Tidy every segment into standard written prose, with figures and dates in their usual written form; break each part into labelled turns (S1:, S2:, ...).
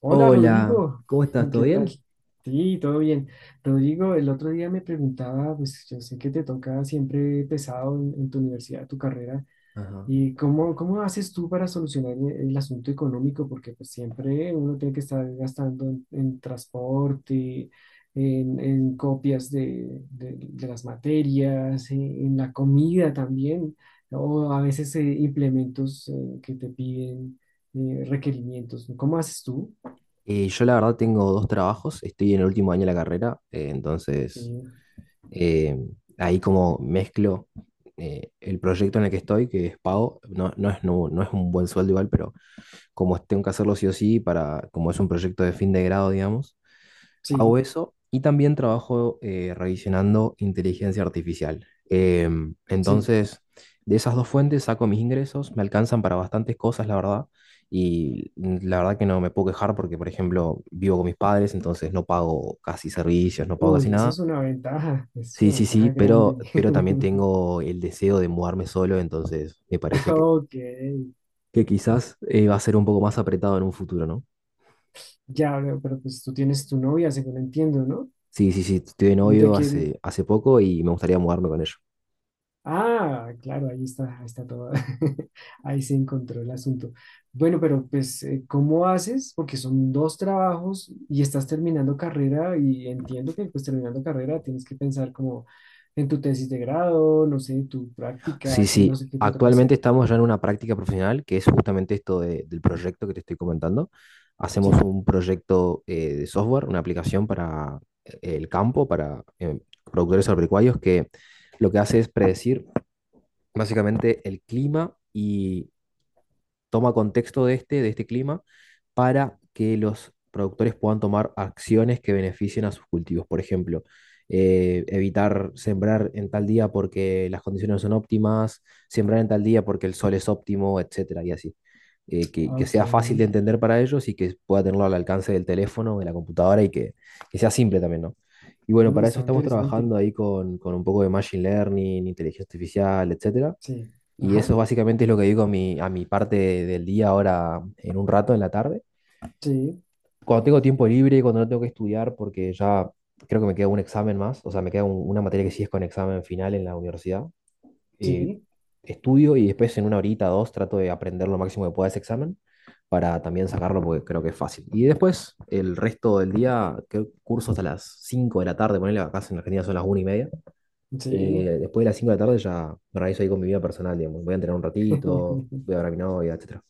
S1: Hola
S2: Hola,
S1: Rodrigo,
S2: ¿cómo estás? ¿Todo
S1: ¿qué tal?
S2: bien?
S1: Sí, todo bien. Rodrigo, el otro día me preguntaba, pues yo sé que te toca siempre pesado en tu universidad, tu carrera,
S2: Ajá.
S1: y cómo, cómo haces tú para solucionar el asunto económico, porque pues siempre uno tiene que estar gastando en transporte, en copias de las materias, en la comida también, o a veces implementos que te piden requerimientos. ¿Cómo haces tú?
S2: Yo la verdad tengo dos trabajos, estoy en el último año de la carrera, entonces
S1: Sí,
S2: eh, ahí como mezclo el proyecto en el que estoy, que es pago, no es un buen sueldo igual, pero como tengo que hacerlo sí o sí, para, como es un proyecto de fin de grado, digamos, hago
S1: sí,
S2: eso y también trabajo revisionando inteligencia artificial.
S1: sí.
S2: Entonces, de esas dos fuentes saco mis ingresos, me alcanzan para bastantes cosas, la verdad, y la verdad que no me puedo quejar porque, por ejemplo, vivo con mis padres, entonces no pago casi servicios, no pago casi
S1: Uy, eso
S2: nada.
S1: es
S2: Sí,
S1: una
S2: sí, sí,
S1: ventaja grande.
S2: pero también tengo el deseo de mudarme solo, entonces me parece
S1: Ok,
S2: que quizás va a ser un poco más apretado en un futuro, ¿no?
S1: ya veo, pero pues tú tienes tu novia, según entiendo, ¿no?
S2: Sí, sí, sí, estoy de
S1: ¿Y ¿Te
S2: novio
S1: quieres?
S2: hace poco y me gustaría mudarme con ella.
S1: Ah, claro, ahí está todo. Ahí se encontró el asunto. Bueno, pero pues, ¿cómo haces? Porque son dos trabajos y estás terminando carrera y entiendo que pues terminando carrera tienes que pensar como en tu tesis de grado, no sé, tu
S2: Sí,
S1: práctica, que
S2: sí.
S1: no sé qué te toca
S2: Actualmente
S1: hacer.
S2: estamos ya en una práctica profesional que es justamente esto del proyecto que te estoy comentando. Hacemos
S1: Sí.
S2: un proyecto de software, una aplicación para el campo, para productores agropecuarios, que lo que hace es predecir básicamente el clima y toma contexto de este clima, para que los productores puedan tomar acciones que beneficien a sus cultivos. Por ejemplo, evitar sembrar en tal día porque las condiciones no son óptimas, sembrar en tal día porque el sol es óptimo, etcétera, y así. Que
S1: Ok,
S2: sea fácil de
S1: muy
S2: entender para ellos y que pueda tenerlo al alcance del teléfono, de la computadora y que sea simple también, ¿no? Y bueno, para eso
S1: está
S2: estamos
S1: interesante.
S2: trabajando ahí con un poco de machine learning, inteligencia artificial, etcétera,
S1: Sí,
S2: y
S1: ajá,
S2: eso básicamente es lo que digo a a mi parte del día ahora en un rato, en la tarde.
S1: sí,
S2: Cuando tengo tiempo libre, cuando no tengo que estudiar, porque ya creo que me queda un examen más, o sea, me queda una materia que sí es con examen final en la universidad, eh,
S1: sí,
S2: estudio y después en una horita, dos, trato de aprender lo máximo que pueda ese examen para también sacarlo porque creo que es fácil. Y después, el resto del día, creo que curso hasta las 5 de la tarde, ponele acá en Argentina son las una y media.
S1: sí.
S2: Después de las 5 de la tarde ya me organizo ahí con mi vida personal, digamos. Voy a entrenar un ratito, voy a ver a mi novia, etcétera.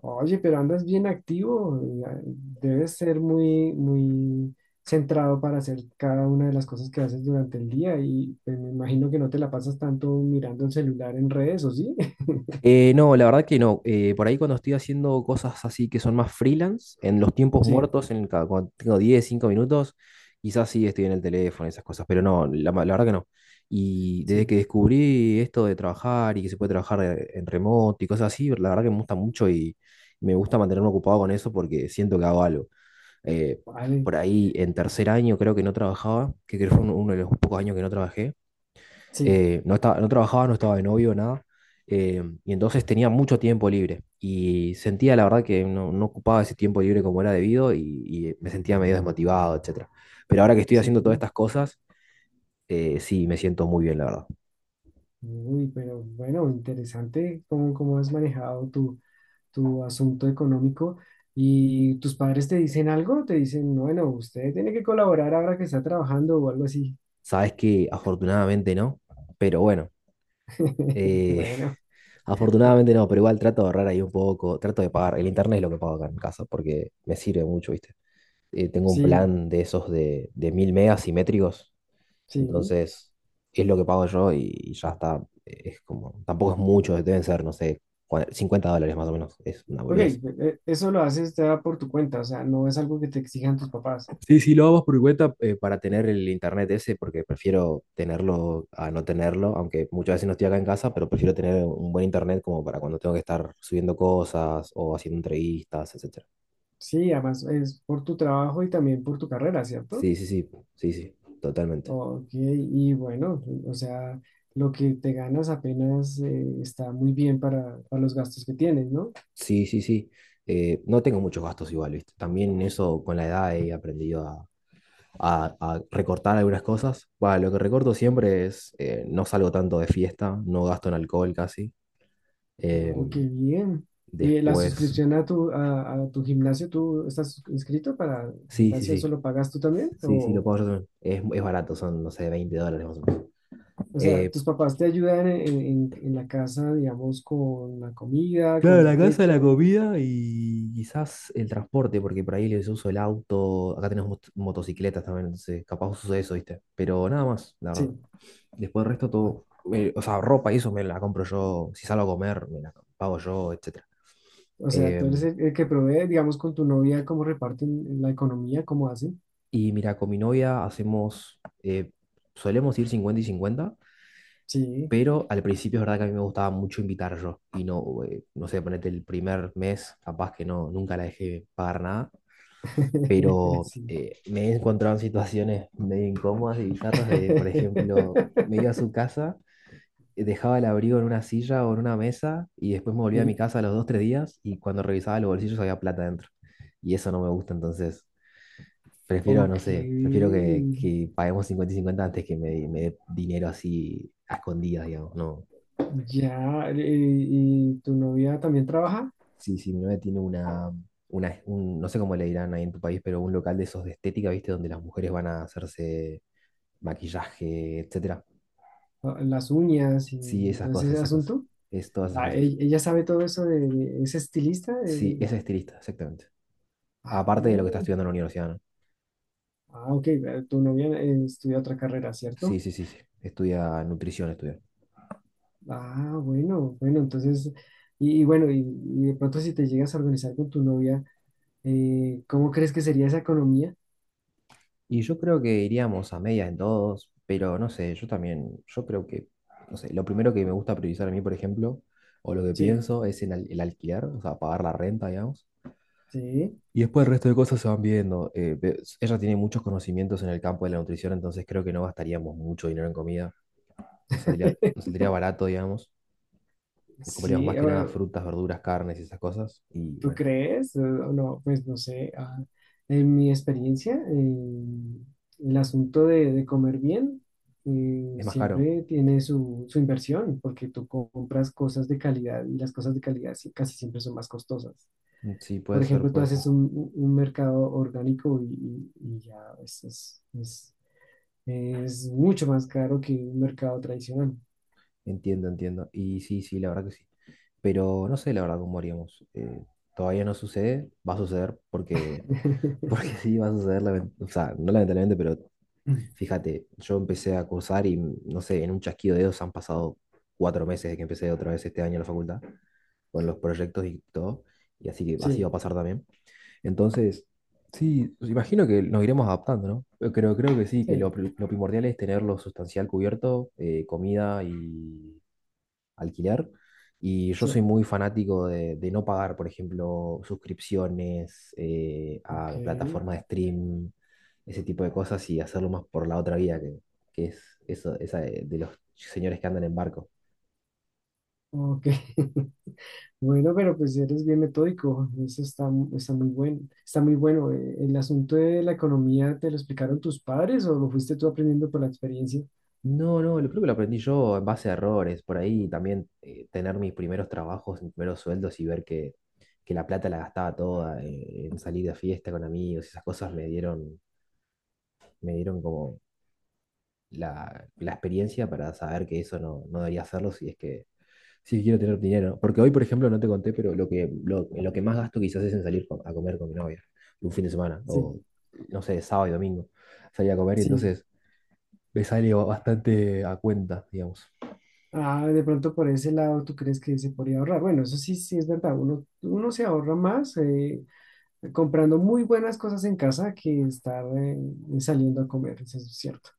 S1: Oye, pero andas bien activo. Ya, debes ser muy, muy centrado para hacer cada una de las cosas que haces durante el día y pues, me imagino que no te la pasas tanto mirando el celular en redes, ¿o sí?
S2: No, la verdad que no. Por ahí cuando estoy haciendo cosas así que son más freelance, en los tiempos
S1: Sí,
S2: muertos, en el cuando tengo 10 5 minutos, quizás sí estoy en el teléfono, esas cosas, pero no, la verdad que no. Y desde
S1: sí,
S2: que descubrí esto de trabajar y que se puede trabajar en remoto y cosas así, la verdad que me gusta mucho y me gusta mantenerme ocupado con eso porque siento que hago algo. Eh,
S1: vale,
S2: por ahí en tercer año creo que no trabajaba, que creo que fue uno de los pocos años que no trabajé.
S1: sí,
S2: No trabajaba, no estaba de novio, nada. Y entonces tenía mucho tiempo libre y sentía la verdad que no ocupaba ese tiempo libre como era debido y me sentía medio desmotivado, etcétera. Pero ahora que estoy haciendo todas
S1: sí.
S2: estas cosas, sí, me siento muy bien, la verdad.
S1: Uy, pero bueno, interesante cómo, cómo has manejado tu tu asunto económico y tus padres te dicen algo, te dicen, bueno, usted tiene que colaborar ahora que está trabajando o algo así.
S2: Sabes que afortunadamente no, pero bueno, eh,
S1: Bueno,
S2: afortunadamente no, pero igual trato de ahorrar ahí un poco, trato de pagar. El internet es lo que pago acá en casa porque me sirve mucho, ¿viste? Tengo un
S1: sí,
S2: plan de esos de 1000 megas simétricos,
S1: sí.
S2: entonces es lo que pago yo y ya está, es como, tampoco es mucho, deben ser, no sé, $50 más o menos, es una
S1: Ok,
S2: boludez.
S1: eso lo haces ya por tu cuenta, o sea, no es algo que te exijan tus papás.
S2: Sí, sí, lo hago por mi cuenta para tener el internet ese, porque prefiero tenerlo a no tenerlo, aunque muchas veces no estoy acá en casa, pero prefiero tener un buen internet como para cuando tengo que estar subiendo cosas o haciendo entrevistas, etcétera.
S1: Sí, además es por tu trabajo y también por tu carrera, ¿cierto?
S2: Sí, sí, sí, sí, sí, totalmente.
S1: Ok, y bueno, o sea, lo que te ganas apenas está muy bien para los gastos que tienes, ¿no?
S2: Sí, sí, sí. No tengo muchos gastos igual, ¿viste? También eso con la edad he aprendido a, a recortar algunas cosas. Bah, lo que recorto siempre es, no salgo tanto de fiesta, no gasto en alcohol casi.
S1: Oh, qué
S2: Em,
S1: bien. ¿Y la
S2: Después,
S1: suscripción a tu gimnasio, tú estás inscrito para el
S2: sí, sí,
S1: gimnasio,
S2: sí,
S1: solo pagas tú también?
S2: sí, sí, lo pago yo también. Es barato, son, no sé, 20 dólares más o menos.
S1: O sea,
S2: Eh,
S1: ¿tus papás te ayudan en, en la casa, digamos, con la comida,
S2: claro,
S1: con
S2: la
S1: el
S2: casa, la
S1: techo?
S2: comida y quizás el transporte, porque por ahí les uso el auto. Acá tenemos motocicletas también, entonces capaz uso eso, ¿viste? Pero nada más, la verdad.
S1: Sí.
S2: Después el resto
S1: Ah,
S2: todo, o sea, ropa y eso me la compro yo, si salgo a comer, me la pago yo, etc.
S1: o sea, tú eres
S2: Em,
S1: el que provee, digamos, con tu novia, cómo reparten la economía, cómo hacen.
S2: y mira, con mi novia hacemos, solemos ir 50 y cincuenta,
S1: Sí.
S2: pero al principio es verdad que a mí me gustaba mucho invitar yo y no, no sé, ponete el primer mes, capaz que no, nunca la dejé pagar nada, pero
S1: Sí.
S2: me he encontrado en situaciones medio incómodas y bizarras de, por ejemplo, me iba a su casa dejaba el abrigo en una silla o en una mesa y después me volvía a mi
S1: Sí,
S2: casa a los dos, tres días y cuando revisaba los bolsillos había plata dentro. Y eso no me gusta, entonces prefiero, no
S1: ok,
S2: sé, prefiero que paguemos 50 y 50 antes que me dé dinero así a escondidas, digamos. No,
S1: ya, ¿y tu novia también trabaja?
S2: sí, sí, mi novia tiene una no sé cómo le dirán ahí en tu país, pero un local de esos de estética, ¿viste? Donde las mujeres van a hacerse maquillaje, etcétera.
S1: Ah, las uñas y
S2: Sí, esas
S1: todo
S2: cosas,
S1: ese
S2: esas cosas.
S1: asunto.
S2: Es todas esas
S1: Ah,
S2: cosas.
S1: ella sabe todo eso de, es estilista.
S2: Sí, es estilista, exactamente.
S1: Ah,
S2: Aparte de lo que está
S1: oh,
S2: estudiando en la universidad, ¿no?
S1: ah, ok, tu novia estudia otra carrera,
S2: Sí,
S1: ¿cierto?
S2: sí, sí, sí. Estudia nutrición, estudia.
S1: Ah, bueno, bueno, entonces, y bueno, y de pronto si te llegas a organizar con tu novia, ¿cómo crees que sería esa economía?
S2: Y yo creo que iríamos a medias en todos, pero no sé, yo también, yo creo que, no sé, lo primero que me gusta priorizar a mí, por ejemplo, o lo que
S1: Sí,
S2: pienso es en el alquiler, o sea, pagar la renta, digamos.
S1: sí.
S2: Y después el resto de cosas se van viendo. Ella tiene muchos conocimientos en el campo de la nutrición, entonces creo que no gastaríamos mucho dinero en comida. Nos saldría barato, digamos. Comeríamos
S1: Sí,
S2: más que nada frutas, verduras, carnes y esas cosas. Y
S1: ¿tú
S2: bueno,
S1: crees? No, pues no sé. Ah, en mi experiencia, el asunto de comer bien
S2: es más caro.
S1: siempre tiene su, su inversión, porque tú compras cosas de calidad y las cosas de calidad sí- casi siempre son más costosas.
S2: Mm, sí,
S1: Por
S2: puede ser,
S1: ejemplo, tú
S2: puede ser.
S1: haces un, un mercado orgánico y, y ya es, es, es- es mucho más caro que un mercado tradicional.
S2: Entiendo, entiendo. Y sí, sí, la verdad que sí. Pero no sé la verdad cómo haríamos. Todavía no sucede, va a suceder porque, porque sí va a suceder, o sea, no lamentablemente, pero fíjate, yo empecé a cursar y no sé, en un chasquido de dedos han pasado cuatro meses desde que empecé otra vez este año en la facultad con los proyectos y todo, y así que así va a
S1: Sí,
S2: pasar también. Entonces, sí, pues, imagino que nos iremos adaptando, ¿no? Yo creo, creo que sí, que
S1: sí,
S2: lo primordial es tener lo sustancial cubierto, comida y, alquilar. Y yo soy
S1: sí.
S2: muy fanático de no pagar, por ejemplo, suscripciones
S1: Ok,
S2: a plataformas de stream, ese tipo de cosas y hacerlo más por la otra vía, que es eso, esa de los señores que andan en barco.
S1: ok. Bueno, pero pues eres bien metódico, eso está, está muy bueno, está muy bueno. ¿El asunto de la economía te lo explicaron tus padres o lo fuiste tú aprendiendo por la experiencia?
S2: No, no, lo creo que lo aprendí yo en base a errores, por ahí también tener mis primeros trabajos, mis primeros sueldos y ver que la plata la gastaba toda en salir de fiesta con amigos, esas cosas me dieron como la experiencia para saber que eso no, no debería hacerlo si es que si quiero tener dinero. Porque hoy, por ejemplo, no te conté, pero lo que más gasto quizás es en salir a comer con mi novia un fin de semana,
S1: Sí,
S2: o no sé, sábado y domingo, salir a comer y
S1: sí.
S2: entonces me sale bastante a cuenta, digamos.
S1: Ah, de pronto por ese lado tú crees que se podría ahorrar. Bueno, eso sí, sí es verdad. Uno, uno se ahorra más comprando muy buenas cosas en casa que estar saliendo a comer, eso es cierto.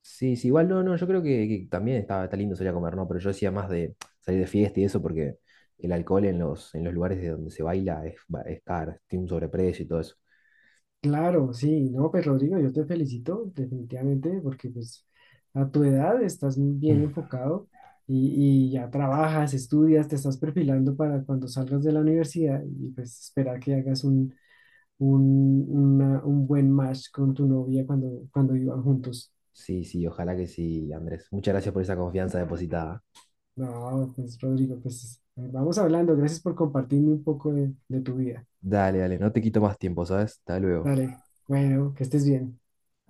S2: Sí, sí, igual no, no, yo creo que también está, está lindo salir a comer, ¿no? Pero yo decía más de salir de fiesta y eso porque el alcohol en los lugares de donde se baila es, es caro, tiene un sobreprecio y todo eso.
S1: Claro, sí, no, pues Rodrigo, yo te felicito definitivamente porque pues a tu edad estás bien enfocado y ya trabajas, estudias, te estás perfilando para cuando salgas de la universidad y pues esperar que hagas un, un buen match con tu novia cuando, cuando vivan juntos.
S2: Sí, sí, ojalá que sí, Andrés. Muchas gracias por esa confianza depositada.
S1: No, pues Rodrigo, pues vamos hablando, gracias por compartirme un poco de tu vida.
S2: Dale, dale, no te quito más tiempo, ¿sabes? Hasta luego.
S1: Dale, bueno, que estés bien.